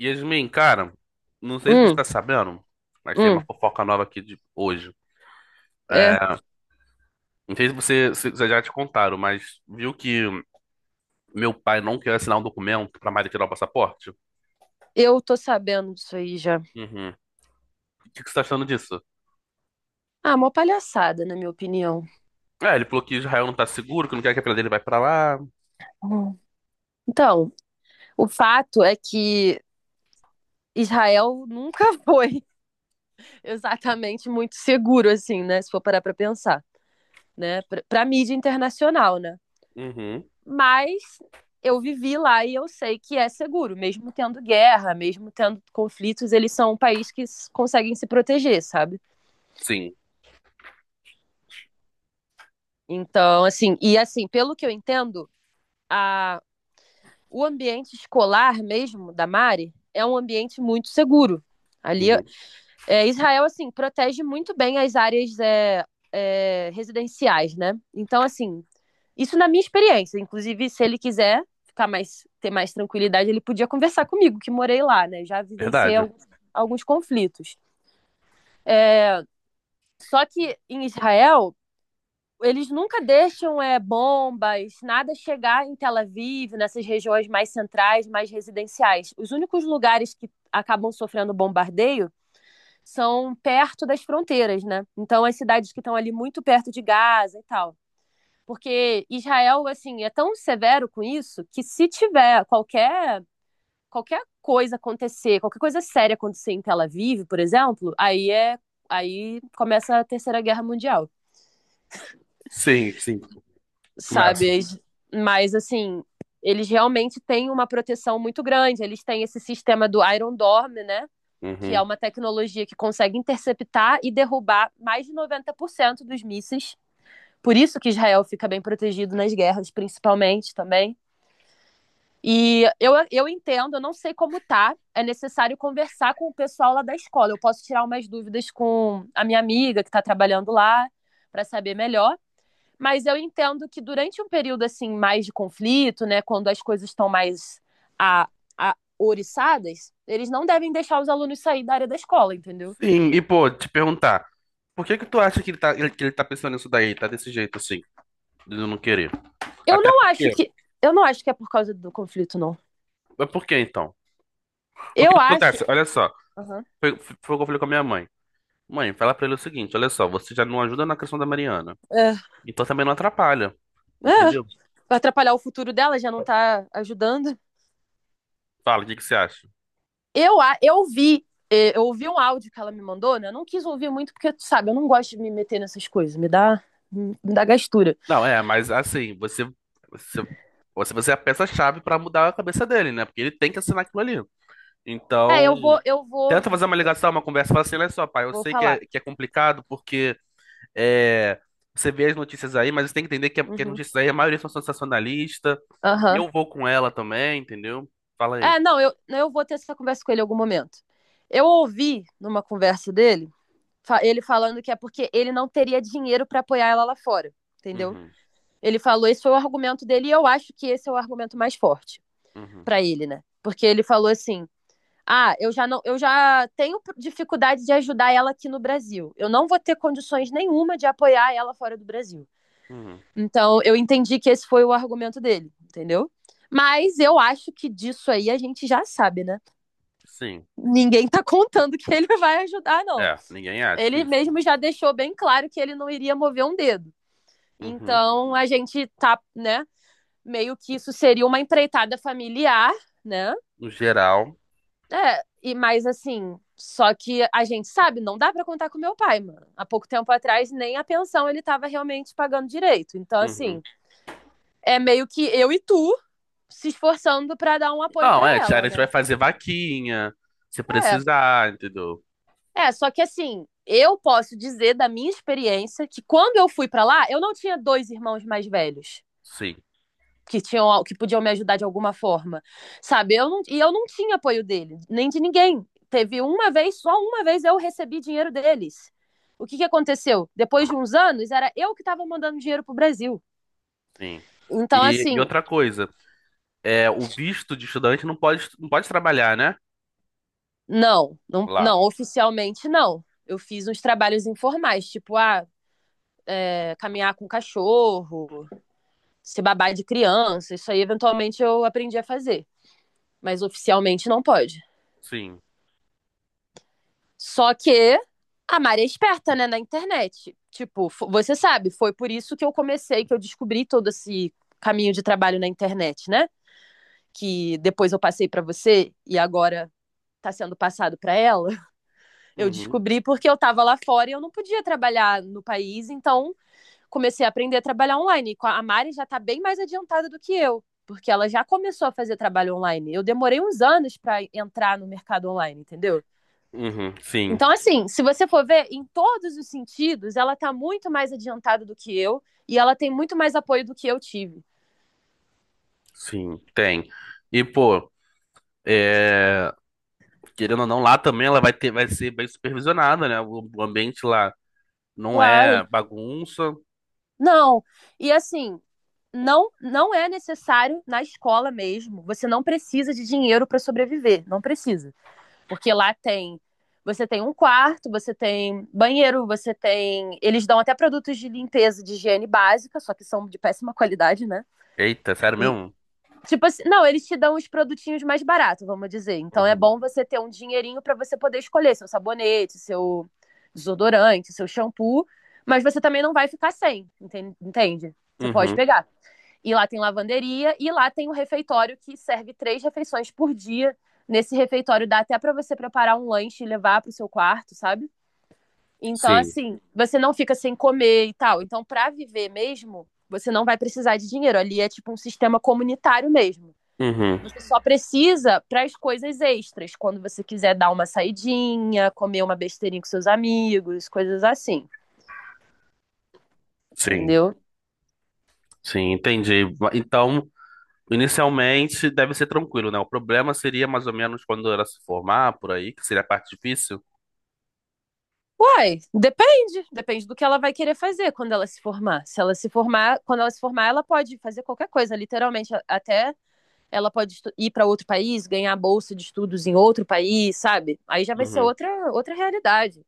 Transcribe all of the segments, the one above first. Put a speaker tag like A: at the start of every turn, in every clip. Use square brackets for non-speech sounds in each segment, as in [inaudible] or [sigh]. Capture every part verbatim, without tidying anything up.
A: Yasmin, cara, não sei se você
B: Hum,
A: tá sabendo, mas tem uma
B: hum,
A: fofoca nova aqui de hoje.
B: é.
A: É, não sei se você se- se já te contaram, mas viu que meu pai não quer assinar um documento pra Mari tirar o passaporte?
B: Eu tô sabendo disso aí já.
A: Uhum. O que que você tá achando disso?
B: Ah, uma palhaçada, na minha opinião.
A: É, ele falou que Israel não tá seguro, que não quer que a filha dele vai pra lá.
B: Hum. Então, o fato é que Israel nunca [laughs] foi exatamente muito seguro, assim, né? Se for parar pra pensar, né? Pra, pra mídia internacional, né?
A: Uhum.
B: Mas eu vivi lá e eu sei que é seguro, mesmo tendo guerra, mesmo tendo conflitos, eles são um país que s- conseguem se proteger, sabe?
A: Sim.
B: Então, assim, e assim, pelo que eu entendo, a o ambiente escolar mesmo da Mari é um ambiente muito seguro. Ali,
A: Uhum.
B: é, Israel, assim, protege muito bem as áreas é, é, residenciais, né? Então, assim, isso na minha experiência. Inclusive, se ele quiser ficar mais, ter mais tranquilidade, ele podia conversar comigo, que morei lá, né? Já vivenciei
A: Verdade.
B: alguns, alguns conflitos. Só que em Israel, eles nunca deixam é, bombas, nada chegar em Tel Aviv, nessas regiões mais centrais, mais residenciais. Os únicos lugares que acabam sofrendo bombardeio são perto das fronteiras, né? Então, as cidades que estão ali muito perto de Gaza e tal. Porque Israel, assim, é tão severo com isso que se tiver qualquer, qualquer coisa acontecer, qualquer coisa séria acontecer em Tel Aviv, por exemplo, aí é aí começa a Terceira Guerra Mundial.
A: Sim, sim. Começa.
B: Sabe? Mas assim, eles realmente têm uma proteção muito grande. Eles têm esse sistema do Iron Dome, né? Que é
A: Uhum.
B: uma tecnologia que consegue interceptar e derrubar mais de noventa por cento dos mísseis. Por isso que Israel fica bem protegido nas guerras, principalmente também. E eu, eu entendo, eu não sei como tá. É necessário conversar com o pessoal lá da escola. Eu posso tirar umas dúvidas com a minha amiga que está trabalhando lá para saber melhor. Mas eu entendo que durante um período assim mais de conflito, né, quando as coisas estão mais a, a oriçadas, eles não devem deixar os alunos sair da área da escola, entendeu?
A: Sim, e pô, te perguntar, por que que tu acha que ele tá, ele- que ele tá pensando nisso daí, tá desse jeito assim, de não querer?
B: Eu
A: Até
B: não acho
A: porque
B: que eu não acho que é por causa do conflito, não.
A: mas por que então? Porque
B: Eu
A: o que
B: acho.
A: acontece? Olha só,
B: Uhum.
A: foi, foi o que eu falei com a minha mãe. Mãe, fala pra ele o seguinte: olha só, você já não ajuda na questão da Mariana,
B: É,
A: então também não atrapalha,
B: é,
A: entendeu?
B: vai atrapalhar o futuro dela, já não tá ajudando.
A: Fala, o que que você acha?
B: Eu, eu vi, é, eu ouvi um áudio que ela me mandou, né? Eu não quis ouvir muito, porque, tu sabe, eu não gosto de me meter nessas coisas, me dá, me dá gastura.
A: Não, é, mas assim, você, você, você você é a peça-chave pra mudar a cabeça dele, né? Porque ele tem que assinar aquilo ali.
B: É,
A: Então,
B: eu vou, eu vou,
A: tenta fazer uma ligação, uma conversa, fala assim: olha só, pai, eu
B: vou
A: sei que é,
B: falar.
A: que é complicado porque. É, você vê as notícias aí, mas você tem que entender que, a- que as
B: Uhum.
A: notícias aí, a maioria são sensacionalista. E
B: Aham.
A: eu vou com ela também, entendeu? Fala aí.
B: É, não, eu, eu vou ter essa conversa com ele em algum momento. Eu ouvi numa conversa dele, fa- ele falando que é porque ele não teria dinheiro pra apoiar ela lá fora, entendeu?
A: Uhum,
B: Ele falou, esse foi o argumento dele e eu acho que esse é o argumento mais forte
A: uhum,
B: pra ele, né? Porque ele falou assim: "Ah, eu já não, eu já tenho pr- dificuldade de ajudar ela aqui no Brasil. Eu não vou ter condições nenhuma de apoiar ela fora do Brasil".
A: uhum.
B: Então, eu entendi que esse foi o argumento dele, entendeu? Mas eu acho que disso aí a gente já sabe, né?
A: Sim.
B: ninguém tá contando que ele vai ajudar, não.
A: É, ninguém acha que
B: Ele
A: isso.
B: mesmo já deixou bem claro que ele não iria mover um dedo.
A: Uhum.
B: Então a gente tá, né? Meio que isso seria uma empreitada familiar, né?
A: No geral.
B: É, e mais assim, só que a gente sabe, não dá para contar com meu pai, mano. Há pouco tempo atrás, nem a pensão ele tava realmente pagando direito. Então,
A: Uhum.
B: assim, é meio que eu e tu se esforçando para dar um apoio para
A: Não, é, a
B: ela,
A: gente vai
B: né?
A: fazer vaquinha, se
B: É,
A: precisar, entendeu?
B: é, só que assim, eu posso dizer da minha experiência que quando eu fui pra lá, eu não tinha dois irmãos mais velhos
A: Sim,
B: que tinham que podiam me ajudar de alguma forma, sabe? Eu não, e eu não tinha apoio dele, nem de ninguém. Teve uma vez, só uma vez eu recebi dinheiro deles. O que, que aconteceu? Depois de uns anos, era eu que estava mandando dinheiro pro Brasil.
A: sim.
B: Então,
A: E, e
B: assim,
A: outra coisa, é, o visto de estudante não pode, não pode trabalhar, né?
B: não, não,
A: Lá.
B: não, oficialmente não. Eu fiz uns trabalhos informais, tipo, ah, é, caminhar com cachorro, se babar de criança, isso aí eventualmente eu aprendi a fazer. Mas oficialmente não pode.
A: Sim.
B: Só que a Mari é esperta, né, na internet. Tipo, você sabe, foi por isso que eu comecei, que eu descobri todo esse caminho de trabalho na internet, né? Que depois eu passei pra você e agora tá sendo passado pra ela. Eu
A: Uhum,
B: descobri porque eu tava lá fora e eu não podia trabalhar no país, então comecei a aprender a trabalhar online. A Mari já está bem mais adiantada do que eu, porque ela já começou a fazer trabalho online. Eu demorei uns anos para entrar no mercado online, entendeu?
A: uhum, sim,
B: Então, assim, se você for ver, em todos os sentidos, ela está muito mais adiantada do que eu e ela tem muito mais apoio do que eu tive.
A: sim, tem. E, pô, é, querendo ou não, lá também ela vai ter, vai ser bem supervisionada, né? O, o ambiente lá não é
B: Claro.
A: bagunça.
B: Não. E assim, não não é necessário na escola mesmo. Você não precisa de dinheiro para sobreviver, não precisa. Porque lá tem. Você tem um quarto, você tem banheiro, você tem. Eles dão até produtos de limpeza, de higiene básica, só que são de péssima qualidade, né?
A: Eita, sério
B: E,
A: mesmo?
B: tipo assim, não, eles te dão os produtinhos mais baratos, vamos dizer. Então é
A: Uhum.
B: bom você ter um dinheirinho para você poder escolher seu sabonete, seu desodorante, seu shampoo, mas você também não vai ficar sem, entende? Você pode
A: Uhum.
B: pegar. E lá tem lavanderia e lá tem um refeitório que serve três refeições por dia. Nesse refeitório dá até para você preparar um lanche e levar para o seu quarto, sabe? Então,
A: Sim.
B: assim, você não fica sem comer e tal. Então, para viver mesmo, você não vai precisar de dinheiro. Ali é tipo um sistema comunitário mesmo.
A: Uhum.
B: Você só precisa para as coisas extras, quando você quiser dar uma saidinha, comer uma besteirinha com seus amigos, coisas assim,
A: Sim.
B: entendeu?
A: Sim, entendi. Va- Então, inicialmente deve ser tranquilo, né? O problema seria mais ou menos quando ela se formar por aí, que seria a parte difícil.
B: Uai, depende. Depende do que ela vai querer fazer quando ela se formar. Se ela se formar, quando ela se formar, ela pode fazer qualquer coisa, literalmente. a- Até ela pode estu- ir para outro país, ganhar bolsa de estudos em outro país, sabe? Aí já vai ser
A: Uhum.
B: outra, outra realidade.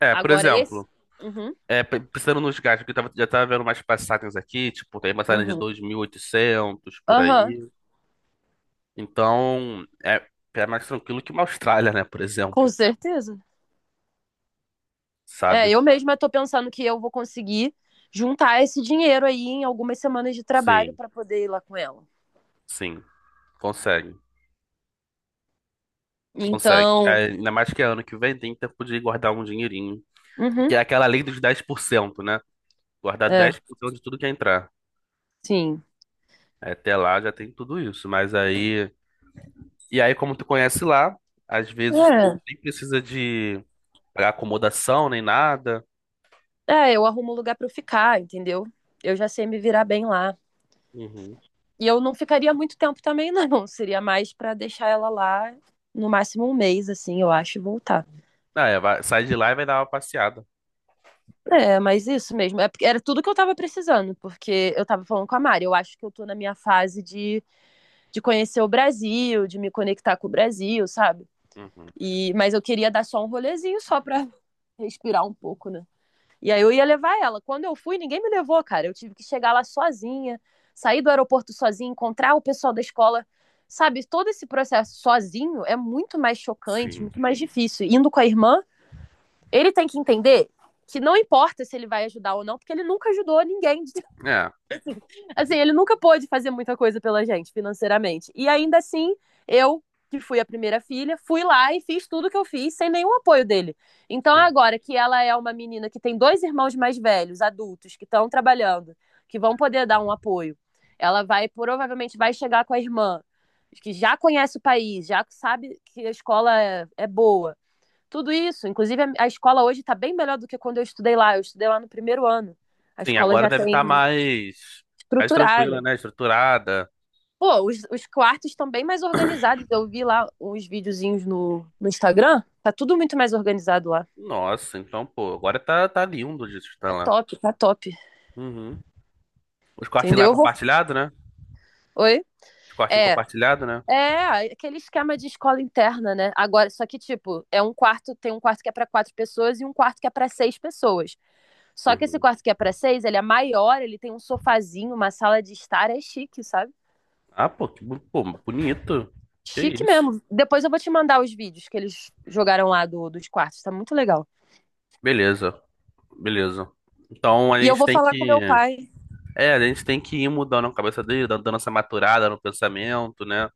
A: É, por
B: Agora, esse.
A: exemplo,
B: Uhum,
A: é, pe- pensando nos gastos, que eu tava- já estava vendo umas passagens aqui, tipo, tem passagem de
B: uhum.
A: dois mil e oitocentos por
B: Aham,
A: aí. Então, é, é mais tranquilo que uma Austrália, né, por
B: com
A: exemplo,
B: certeza. É,
A: sabe?
B: eu mesma tô pensando que eu vou conseguir juntar esse dinheiro aí em algumas semanas de trabalho
A: Sim,
B: para poder ir lá com ela.
A: sim, consegue, consegue. É,
B: Então.
A: ainda mais que é ano que vem tem tempo de guardar um dinheirinho,
B: Uhum,
A: que é aquela lei dos dez por cento, né? Guardar
B: é,
A: dez por cento de tudo que entrar.
B: sim.
A: É, até lá já tem tudo isso, mas aí. E aí, como tu conhece lá, às vezes
B: É.
A: nem precisa de pagar acomodação nem nada.
B: É, eu arrumo um lugar pra eu ficar, entendeu? Eu já sei me virar bem lá.
A: Uhum.
B: E eu não ficaria muito tempo também, [laughs] não. Seria mais pra deixar ela lá no máximo um mês, assim, eu acho, e voltar.
A: Ah, é, vai- sai de lá e vai dar uma passeada.
B: É, mas isso mesmo. É porque era tudo que eu tava precisando, porque eu tava falando com a Mari. Eu acho que eu tô na minha fase de, de conhecer o Brasil, de me conectar com o Brasil, sabe?
A: Uhum.
B: E, mas eu queria dar só um rolezinho só pra [laughs] respirar um pouco, né? E aí eu ia levar ela. Quando eu fui, ninguém me levou, cara. Eu tive que chegar lá sozinha, sair do aeroporto sozinha, encontrar o pessoal da escola. Sabe, todo esse processo sozinho é muito mais chocante,
A: Sim.
B: muito mais difícil. Indo com a irmã, ele tem que entender que não importa se ele vai ajudar ou não, porque ele nunca ajudou ninguém de
A: É,
B: Assim, ele nunca pôde fazer muita coisa pela gente financeiramente. E ainda assim, eu, que fui a primeira filha, fui lá e fiz tudo que eu fiz sem nenhum apoio dele. Então,
A: sim.
B: agora que ela é uma menina que tem dois irmãos mais velhos, adultos, que estão trabalhando, que vão poder dar um apoio, ela vai, provavelmente, vai chegar com a irmã, que já conhece o país, já sabe que a escola é, é boa. Tudo isso, inclusive a- a escola hoje está bem melhor do que quando eu estudei lá. Eu estudei lá no primeiro ano. A
A: Sim,
B: escola
A: agora
B: já
A: deve
B: tem
A: estar mais, mais tranquila,
B: estruturada.
A: né? Estruturada.
B: Pô, os, os quartos estão bem mais organizados. Eu vi lá uns videozinhos no, no Instagram. Tá tudo muito mais organizado lá.
A: Nossa, então, pô, agora tá, tá lindo de estar
B: É
A: lá.
B: top, tá top.
A: Uhum. Os cortes lá
B: Entendeu? Eu vou.
A: compartilhado, né?
B: Oi?
A: Os cortinhos
B: É.
A: compartilhado, né?
B: É, aquele esquema de escola interna, né? Agora, só que, tipo, é um quarto, tem um quarto que é para quatro pessoas e um quarto que é para seis pessoas. Só que esse
A: Uhum.
B: quarto que é para seis, ele é maior, ele tem um sofazinho, uma sala de estar, é chique, sabe?
A: Ah, pô, que bu- pô, bonito. Que
B: Chique
A: isso.
B: mesmo. Depois eu vou te mandar os vídeos que eles jogaram lá do, dos quartos, tá muito legal.
A: Beleza, beleza. Então a
B: E eu
A: gente
B: vou
A: tem
B: falar com meu
A: que.
B: pai.
A: É, a gente tem que ir mudando a cabeça dele, dando dando essa maturada no pensamento, né?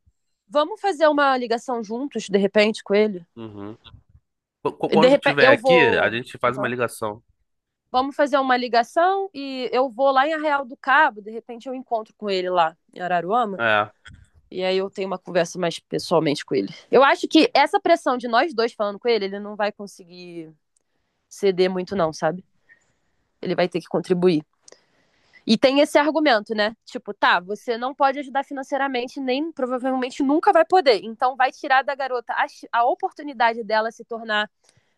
B: Vamos fazer uma ligação juntos, de repente, com ele?
A: Uhum. Qu- qu-
B: De
A: Quando
B: repente,
A: tiver
B: eu
A: aqui, a
B: vou.
A: gente faz uma
B: Aham.
A: ligação.
B: Vamos fazer uma ligação e eu vou lá em Arraial do Cabo, de repente eu encontro com ele lá em Araruama.
A: É,
B: E aí eu tenho uma conversa mais pessoalmente com ele. Eu acho que essa pressão de nós dois falando com ele, ele não vai conseguir ceder muito, não, sabe? Ele vai ter que contribuir. E tem esse argumento, né? Tipo, tá, você não pode ajudar financeiramente, nem provavelmente nunca vai poder. Então vai tirar da garota a, a oportunidade dela se tornar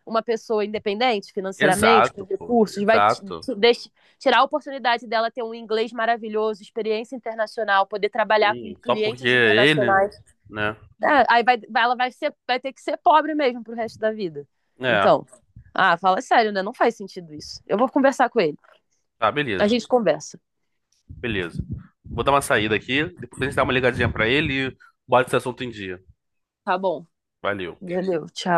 B: uma pessoa independente financeiramente, com
A: exato, pô,
B: recursos, vai t-
A: exato.
B: t- deix- tirar a oportunidade dela ter um inglês maravilhoso, experiência internacional, poder trabalhar com
A: Sim, só porque
B: clientes
A: ele,
B: internacionais.
A: né?
B: É, aí vai, vai- ela vai, ser, vai ter que ser pobre mesmo pro resto da vida.
A: É,
B: Então, ah, fala sério, né? Não faz sentido isso. Eu vou conversar com ele.
A: tá,
B: A
A: beleza,
B: gente conversa.
A: beleza. Vou dar uma saída aqui, depois a gente dá uma ligadinha pra ele e bota esse assunto em dia.
B: Tá bom.
A: Valeu.
B: Valeu, tchau.